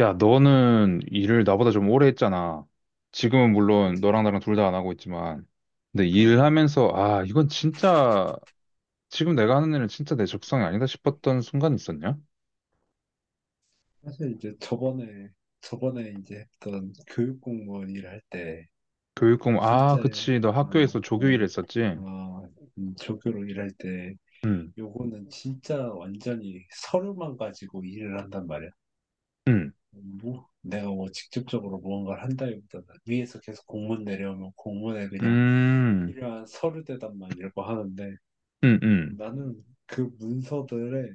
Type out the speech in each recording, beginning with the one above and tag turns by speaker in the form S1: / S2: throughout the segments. S1: 야, 너는 일을 나보다 좀 오래 했잖아. 지금은 물론 너랑
S2: 그지.
S1: 나랑 둘 다 안 하고 있지만. 근데
S2: 어,
S1: 일하면서, 아, 이건 진짜, 지금 내가 하는 일은 진짜 내 적성이 아니다 싶었던 순간 있었냐?
S2: 사실 이제 저번에 이제 했던 교육 공무원 일할 때,
S1: 교육 공무 아,
S2: 진짜,
S1: 그치. 너
S2: 어,
S1: 학교에서 조교 일
S2: 어,
S1: 했었지?
S2: 어, 조교로 일할 때,
S1: 응,
S2: 요거는 진짜 완전히 서류만 가지고 일을 한단 말이야.
S1: 응,
S2: 뭐, 내가 뭐 직접적으로 무언가를 한다기보다는 위에서 계속 공문 내려오면 공문에 그냥
S1: 음,
S2: 필요한 서류 대답만 읽고 하는데,
S1: 응, 응.
S2: 나는 그 문서들의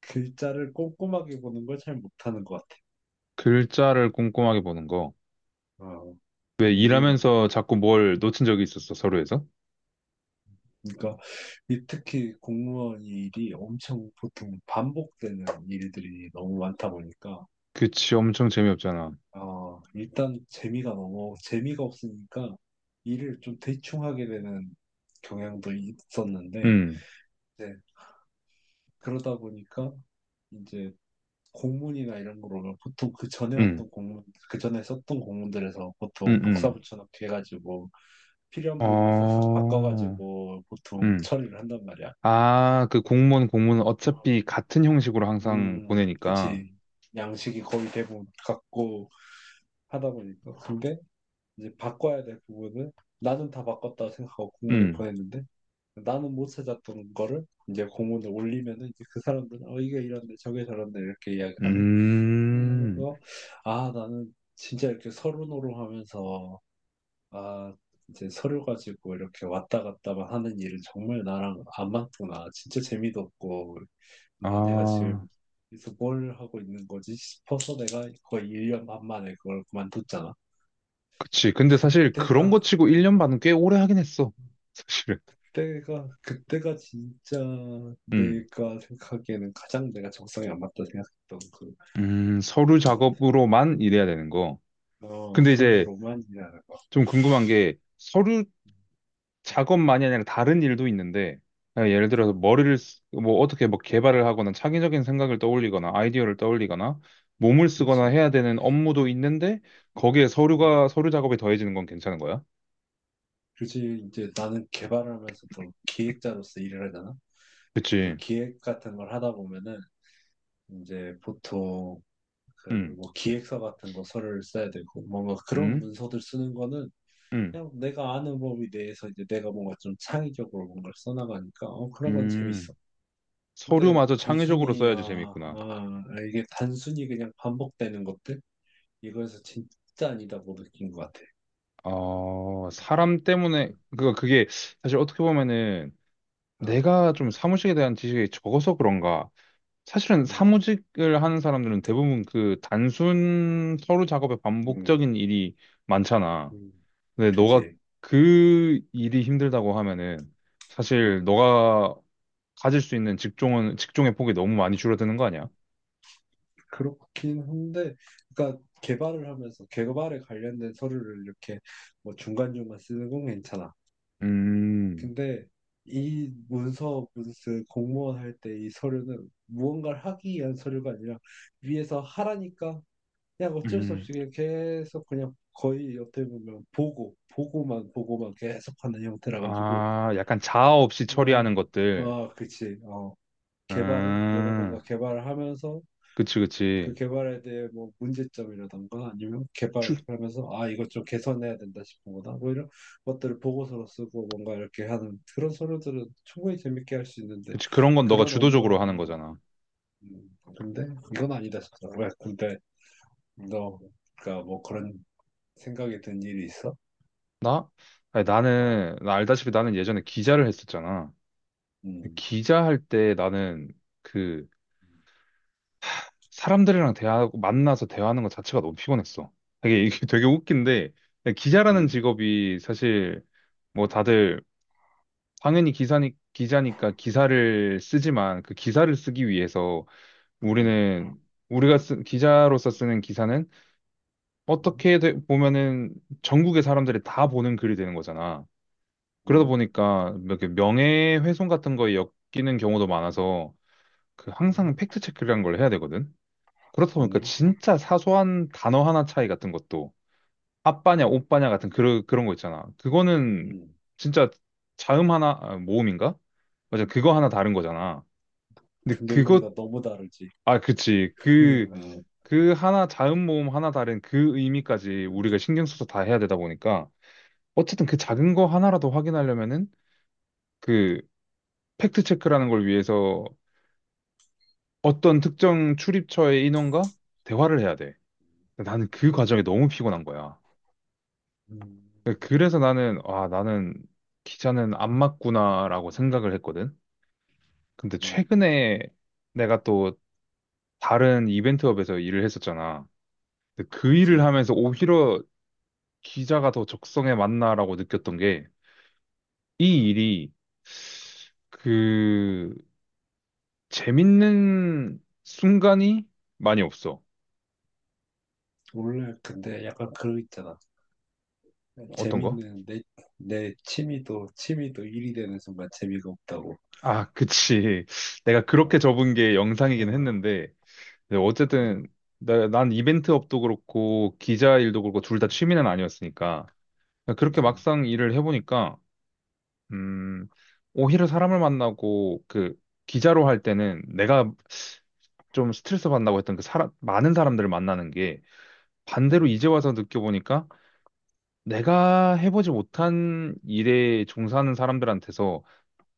S2: 글자를 꼼꼼하게 보는 걸 잘 못하는 것 같아.
S1: 글자를 꼼꼼하게 보는 거.
S2: 어.
S1: 왜
S2: 이게
S1: 일하면서 자꾸 뭘 놓친 적이 있었어, 서로에서?
S2: 그러니까 이 특히 공무원 일이 엄청 보통 반복되는 일들이 너무 많다 보니까
S1: 그치, 엄청 재미없잖아.
S2: 아, 일단 재미가 너무 재미가 없으니까 일을 좀 대충 하게 되는 경향도 있었는데
S1: 응,
S2: 이제 그러다 보니까 이제 공문이나 이런 거 보면 보통 그 전에
S1: 응,
S2: 왔던 공문 그 전에 썼던 공문들에서
S1: 응,
S2: 보통 복사
S1: 응.
S2: 붙여넣기 해가지고 필요한 부분만 싹싹
S1: 어,
S2: 바꿔가지고 보통
S1: 응.
S2: 처리를 한단 말이야.
S1: 아, 그 공무원 어차피 같은 형식으로 항상 보내니까.
S2: 그치. 양식이 거의 대부분 같고 하다 보니까. 근데 이제 바꿔야 될 부분은 나는 다 바꿨다고 생각하고 공문을
S1: 음,
S2: 보냈는데 나는 못 찾았던 거를 이제 공문을 올리면은 이제 그 사람들은 어, 이게 이런데 저게 저런데 이렇게 이야기하면
S1: 음,
S2: 그래서 아, 나는 진짜 이렇게 서로노로 하면서 아, 이제 서류 가지고 이렇게 왔다 갔다만 하는 일은 정말 나랑 안 맞구나. 진짜 재미도 없고 아, 내가
S1: 아,
S2: 지금 여기서 뭘 하고 있는 거지 싶어서 내가 거의 1년 반 만에 그걸 그만뒀잖아.
S1: 그치. 근데 사실 그런 거
S2: 그때가,
S1: 치고 1년 반은
S2: 어,
S1: 꽤 오래 하긴 했어. 사실은.
S2: 그때가 진짜
S1: 음,
S2: 내가 생각하기에는 가장 내가 적성에 안 맞다 생각했던 그,
S1: 서류
S2: 그랬던 것 같아.
S1: 작업으로만 일해야 되는 거.
S2: 어,
S1: 근데
S2: 서류
S1: 이제
S2: 로만이라는 거.
S1: 좀 궁금한 게 서류 작업만이 아니라 다른 일도 있는데 아, 예를 들어서
S2: 음,
S1: 뭐 어떻게 뭐 개발을 하거나 창의적인 생각을 떠올리거나 아이디어를 떠올리거나 몸을 쓰거나
S2: 그렇지.
S1: 해야 되는 업무도 있는데 거기에
S2: 음,
S1: 서류 작업이 더해지는 건 괜찮은 거야?
S2: 그렇지. 이제 나는 개발하면서도 기획자로서 일을 하잖아. 이제
S1: 그치.
S2: 기획 같은 걸 하다 보면은 이제 보통 그
S1: 음,
S2: 뭐 기획서 같은 거 서류를 써야 되고 뭔가 그런
S1: 음,
S2: 문서들 쓰는 거는
S1: 음,
S2: 그냥 내가 아는 범위 내에서 이제 내가 뭔가 좀 창의적으로 뭔가를 써나가니까 그런 건
S1: 음.
S2: 재밌어. 근데
S1: 서류마저 창의적으로
S2: 단순히
S1: 써야지 재밌구나.
S2: 이게 단순히 그냥 반복되는 것들 이거에서 진짜 아니다고 느낀 것 같아.
S1: 어, 사람 때문에 그게 사실 어떻게 보면은
S2: 아,
S1: 내가 좀 사무실에 대한 지식이 적어서 그런가 사실은
S2: 음,
S1: 사무직을 하는 사람들은 대부분 그 단순 서류 작업의
S2: 음,
S1: 반복적인 일이 많잖아.
S2: 음,
S1: 근데 너가
S2: 그지.
S1: 그 일이 힘들다고 하면은 사실
S2: 음,
S1: 너가 가질 수 있는 직종은 직종의 폭이 너무 많이 줄어드는 거 아니야?
S2: 그렇긴 한데, 그러니까 개발을 하면서 개발에 관련된 서류를 이렇게 뭐 중간중간 쓰는 건 괜찮아.
S1: 음,
S2: 근데 이 문서 문스 공무원 할 때 이 서류는 무언가를 하기 위한 서류가 아니라 위에서 하라니까 그냥 어쩔 수
S1: 음,
S2: 없이 그냥 계속 그냥 거의 어떻게 보면 보고만 계속 하는 형태라 가지고
S1: 아, 약간 자아 없이
S2: 아,
S1: 처리하는
S2: 어
S1: 것들.
S2: 아, 그치 개발은 내가
S1: 음,
S2: 뭔가 개발을 하면서
S1: 그치,
S2: 그
S1: 그치.
S2: 개발에 대해 뭐 문제점이라던가 아니면 개발하면서 아 이것 좀 개선해야 된다 싶은 거다 뭐 이런 것들을 보고서로 쓰고 뭔가 이렇게 하는 그런 서류들은 충분히 재밌게 할 수 있는데
S1: 그치, 그런 건 너가
S2: 그런 업무를
S1: 주도적으로 하는 거잖아.
S2: 근데 이건 아니다 싶다 왜 근데 너가 뭐 그런 생각이 든 일이 있어?
S1: 나? 아니,
S2: 아,
S1: 나 알다시피 나는 예전에 기자를 했었잖아.
S2: 음,
S1: 기자 할 때 나는 그 사람들이랑 대화하고 만나서 대화하는 것 자체가 너무 피곤했어. 되게 이게 되게 웃긴데 기자라는
S2: 음,
S1: 직업이 사실 뭐 다들 당연히 기사니 기자니까 기사를 쓰지만 그 기사를 쓰기 위해서
S2: 음,
S1: 우리는 기자로서 쓰는 기사는
S2: 음,
S1: 어떻게 보면은 전국의 사람들이 다 보는 글이 되는 거잖아. 그러다
S2: 음,
S1: 보니까 뭐 이렇게 명예훼손 같은 거에 엮이는 경우도 많아서 그 항상
S2: 음,
S1: 팩트 체크라는 걸 해야 되거든. 그렇다 보니까
S2: 음,
S1: 진짜 사소한 단어 하나 차이 같은 것도 아빠냐 오빠냐 같은 그런 거 있잖아. 그거는
S2: 음.
S1: 진짜 자음 하나 아, 모음인가? 맞아 그거 하나 다른 거잖아. 근데
S2: 근데
S1: 그것
S2: 의미가 너무 다르지.
S1: 아, 그치. 그
S2: 음,
S1: 그 하나 자음 모음 하나 다른 그 의미까지
S2: 음,
S1: 우리가 신경 써서 다 해야 되다 보니까 어쨌든 그 작은 거 하나라도 확인하려면은 그 팩트 체크라는 걸 위해서 어떤 특정 출입처의 인원과 대화를 해야 돼. 나는 그 과정이 너무 피곤한 거야.
S2: 음,
S1: 그 그래서 아, 나는 기자는 안 맞구나라고 생각을 했거든. 근데
S2: 음.
S1: 최근에 내가 또 다른 이벤트업에서 일을 했었잖아. 근데 그 일을
S2: 그지?
S1: 하면서 오히려 기자가 더 적성에 맞나라고 느꼈던 게, 이 일이 그 재밌는 순간이 많이 없어.
S2: 원래 근데 약간 그거 있잖아.
S1: 어떤 거?
S2: 재밌는 내 취미도 일이 되는 순간 재미가 없다고.
S1: 아, 그치. 내가 그렇게
S2: 아,
S1: 접은 게 영상이긴
S2: 아,
S1: 했는데, 근데 어쨌든
S2: 음,
S1: 난 이벤트 업도 그렇고 기자 일도 그렇고 둘 다 취미는 아니었으니까 그렇게
S2: 그지?
S1: 막상 일을 해보니까 음 오히려 사람을 만나고 그 기자로 할 때는 내가 좀 스트레스 받는다고 했던 그 사람 많은 사람들을 만나는 게 반대로
S2: 음,
S1: 이제 와서 느껴보니까 내가 해보지 못한 일에 종사하는 사람들한테서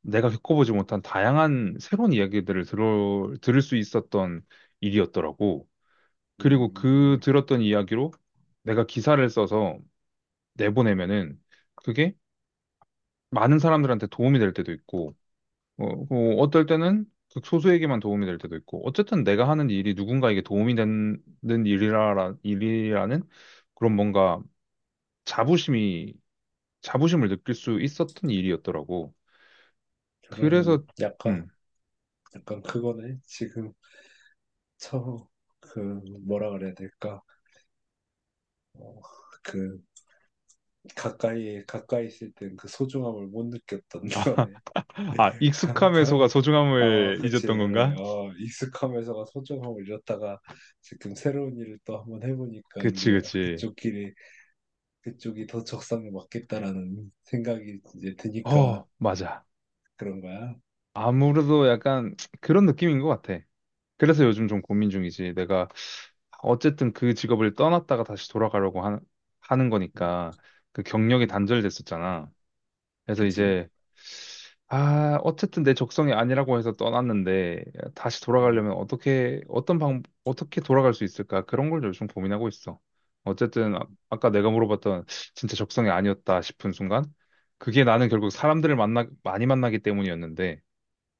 S1: 내가 겪어보지 못한 다양한 새로운 이야기들을 들을 수 있었던 일이었더라고. 그리고 그
S2: 음,
S1: 들었던 이야기로 내가 기사를 써서 내보내면은 그게 많은 사람들한테 도움이 될 때도 있고, 어, 뭐 어떨 때는 극소수에게만 도움이 될 때도 있고, 어쨌든 내가 하는 일이 누군가에게 도움이 되는 일이라는 그런 뭔가 자부심이, 자부심을 느낄 수 있었던 일이었더라고. 그래서,
S2: 그러면
S1: 음.
S2: 약간 그거네. 지금 처음 그 뭐라 그래야 될까? 어, 그 가까이 있을 땐 그 소중함을 못 느꼈던
S1: 아,
S2: 거네.
S1: 아,
S2: 가,
S1: 익숙함의 소가
S2: 가, 아,
S1: 소중함을
S2: 그치,
S1: 잊었던
S2: 그래.
S1: 건가?
S2: 익숙하면서가 소중함을 잃었다가 지금 새로운 일을 또 한번 해보니까
S1: 그치,
S2: 이제
S1: 그치.
S2: 그쪽이 더 적성에 맞겠다라는 생각이 이제 드니까
S1: 어, 맞아.
S2: 그런 거야.
S1: 아무래도 약간 그런 느낌인 것 같아. 그래서 요즘 좀 고민 중이지. 내가 어쨌든 그 직업을 떠났다가 다시 돌아가려고 하는
S2: 음,
S1: 거니까 그 경력이
S2: 음,
S1: 단절됐었잖아. 그래서
S2: 그지?
S1: 이제 아, 어쨌든 내 적성이 아니라고 해서 떠났는데 다시
S2: 음,
S1: 돌아가려면 어떻게 어떤 방 어떻게 돌아갈 수 있을까? 그런 걸 요즘 고민하고 있어. 어쨌든 아, 아까 내가 물어봤던 진짜 적성이 아니었다 싶은 순간 그게 나는 결국 사람들을 만나 많이 만나기 때문이었는데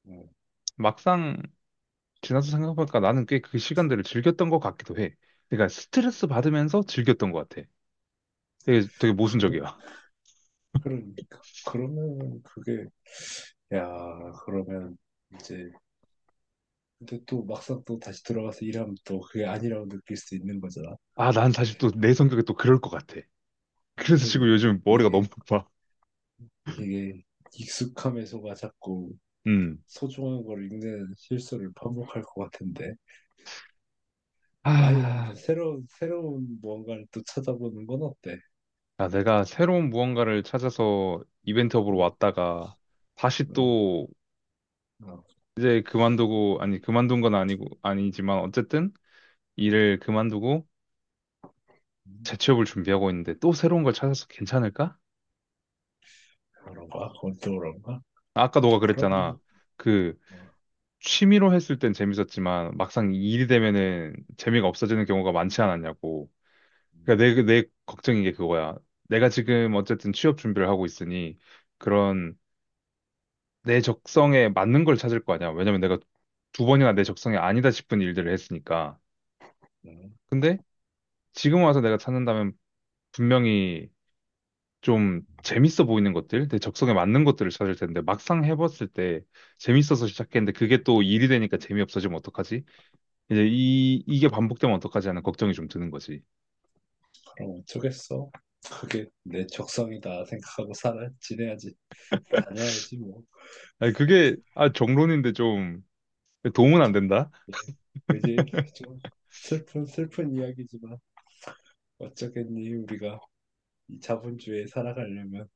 S2: 어,
S1: 막상 지나서 생각해보니까 나는 꽤 그 시간들을 즐겼던 것 같기도 해. 그러니까 스트레스 받으면서 즐겼던 것 같아. 되게, 되게
S2: 그러,
S1: 모순적이야.
S2: 그러니까. 야, 그러면 이제, 근데 또 막상 또 다시 돌아가서 일하면 또 그게 아니라고 느낄 수 있는 거잖아.
S1: 아, 난 사실 또 내 성격이 또 그럴 것 같아. 그래서 지금
S2: 그러니까.
S1: 요즘 머리가 너무
S2: 이게,
S1: 아파.
S2: 이게 익숙함에서가 자꾸
S1: 음.
S2: 소중한 걸 읽는 실수를 반복할 것 같은데 아예 한번
S1: 아,
S2: 새로운 무언가를 또 찾아보는 건 어때?
S1: 아, 내가 새로운 무언가를 찾아서 이벤트업으로
S2: 어,
S1: 왔다가 다시
S2: 어,
S1: 또
S2: 어,
S1: 이제 그만두고, 아니, 그만둔 건 아니고, 아니지만 어쨌든 일을 그만두고
S2: 음,
S1: 재취업을 준비하고 있는데 또 새로운 걸 찾아서 괜찮을까?
S2: 그런가? 그것도 그런가?
S1: 아까 너가
S2: 그럼
S1: 그랬잖아.
S2: 뭐,
S1: 그
S2: 어,
S1: 취미로 했을 땐 재밌었지만 막상 일이 되면은 재미가 없어지는 경우가 많지 않았냐고.
S2: 음,
S1: 그러니까 내 걱정인 게 그거야. 내가 지금 어쨌든 취업 준비를 하고 있으니 그런 내 적성에 맞는 걸 찾을 거 아니야. 왜냐면 내가 두 번이나 내 적성이 아니다 싶은 일들을 했으니까.
S2: 음,
S1: 근데 지금 와서 내가 찾는다면 분명히 좀 재밌어 보이는 것들, 내 적성에 맞는 것들을 찾을 텐데 막상 해봤을 때 재밌어서 시작했는데 그게 또 일이 되니까 재미없어지면 어떡하지? 이제 이게 반복되면 어떡하지 하는 걱정이 좀 드는 거지.
S2: 그럼 어쩌겠어? 그게 내 적성이다 생각하고 살아 지내야지 다녀야지 뭐
S1: 아니, 그게, 아, 정론인데 좀 도움은 안 된다?
S2: 예. 그지? 좀 슬픈 이야기지만 어쩌겠니 우리가 이 자본주의에 살아가려면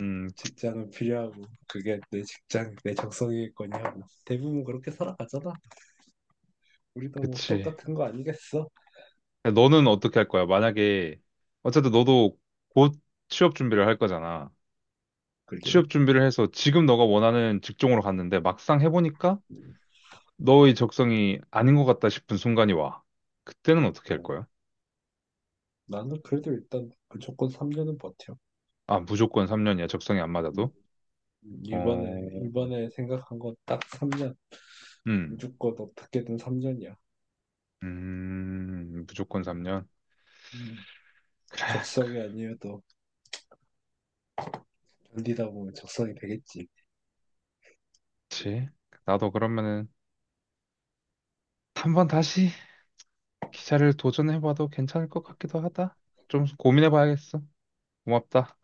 S1: 음,
S2: 직장은 필요하고 그게 내 적성이겠거냐고. 대부분 그렇게 살아가잖아. 우리도 뭐
S1: 그치.
S2: 똑같은 거 아니겠어?
S1: 너는 어떻게 할 거야? 만약에, 어쨌든 너도 곧 취업 준비를 할 거잖아.
S2: 그지?
S1: 취업 준비를 해서 지금 너가 원하는 직종으로 갔는데 막상 해보니까
S2: 음,
S1: 너의 적성이 아닌 것 같다 싶은 순간이 와. 그때는 어떻게 할
S2: 음.
S1: 거야?
S2: 나는 그래도 일단 무조건 3년은 버텨.
S1: 아, 무조건 3년이야. 적성이 안
S2: 음,
S1: 맞아도. 어,
S2: 이번에 생각한 거 딱 3년.
S1: 음,
S2: 무조건 어떻게든 3년이야.
S1: 무조건 3년. 그래. 그래.
S2: 적성이 아니어도 견디다 보면 적성이 되겠지.
S1: 그치. 나도 그러면은 한번 다시 기차를 도전해봐도 괜찮을 것 같기도 하다. 좀 고민해봐야겠어. 고맙다.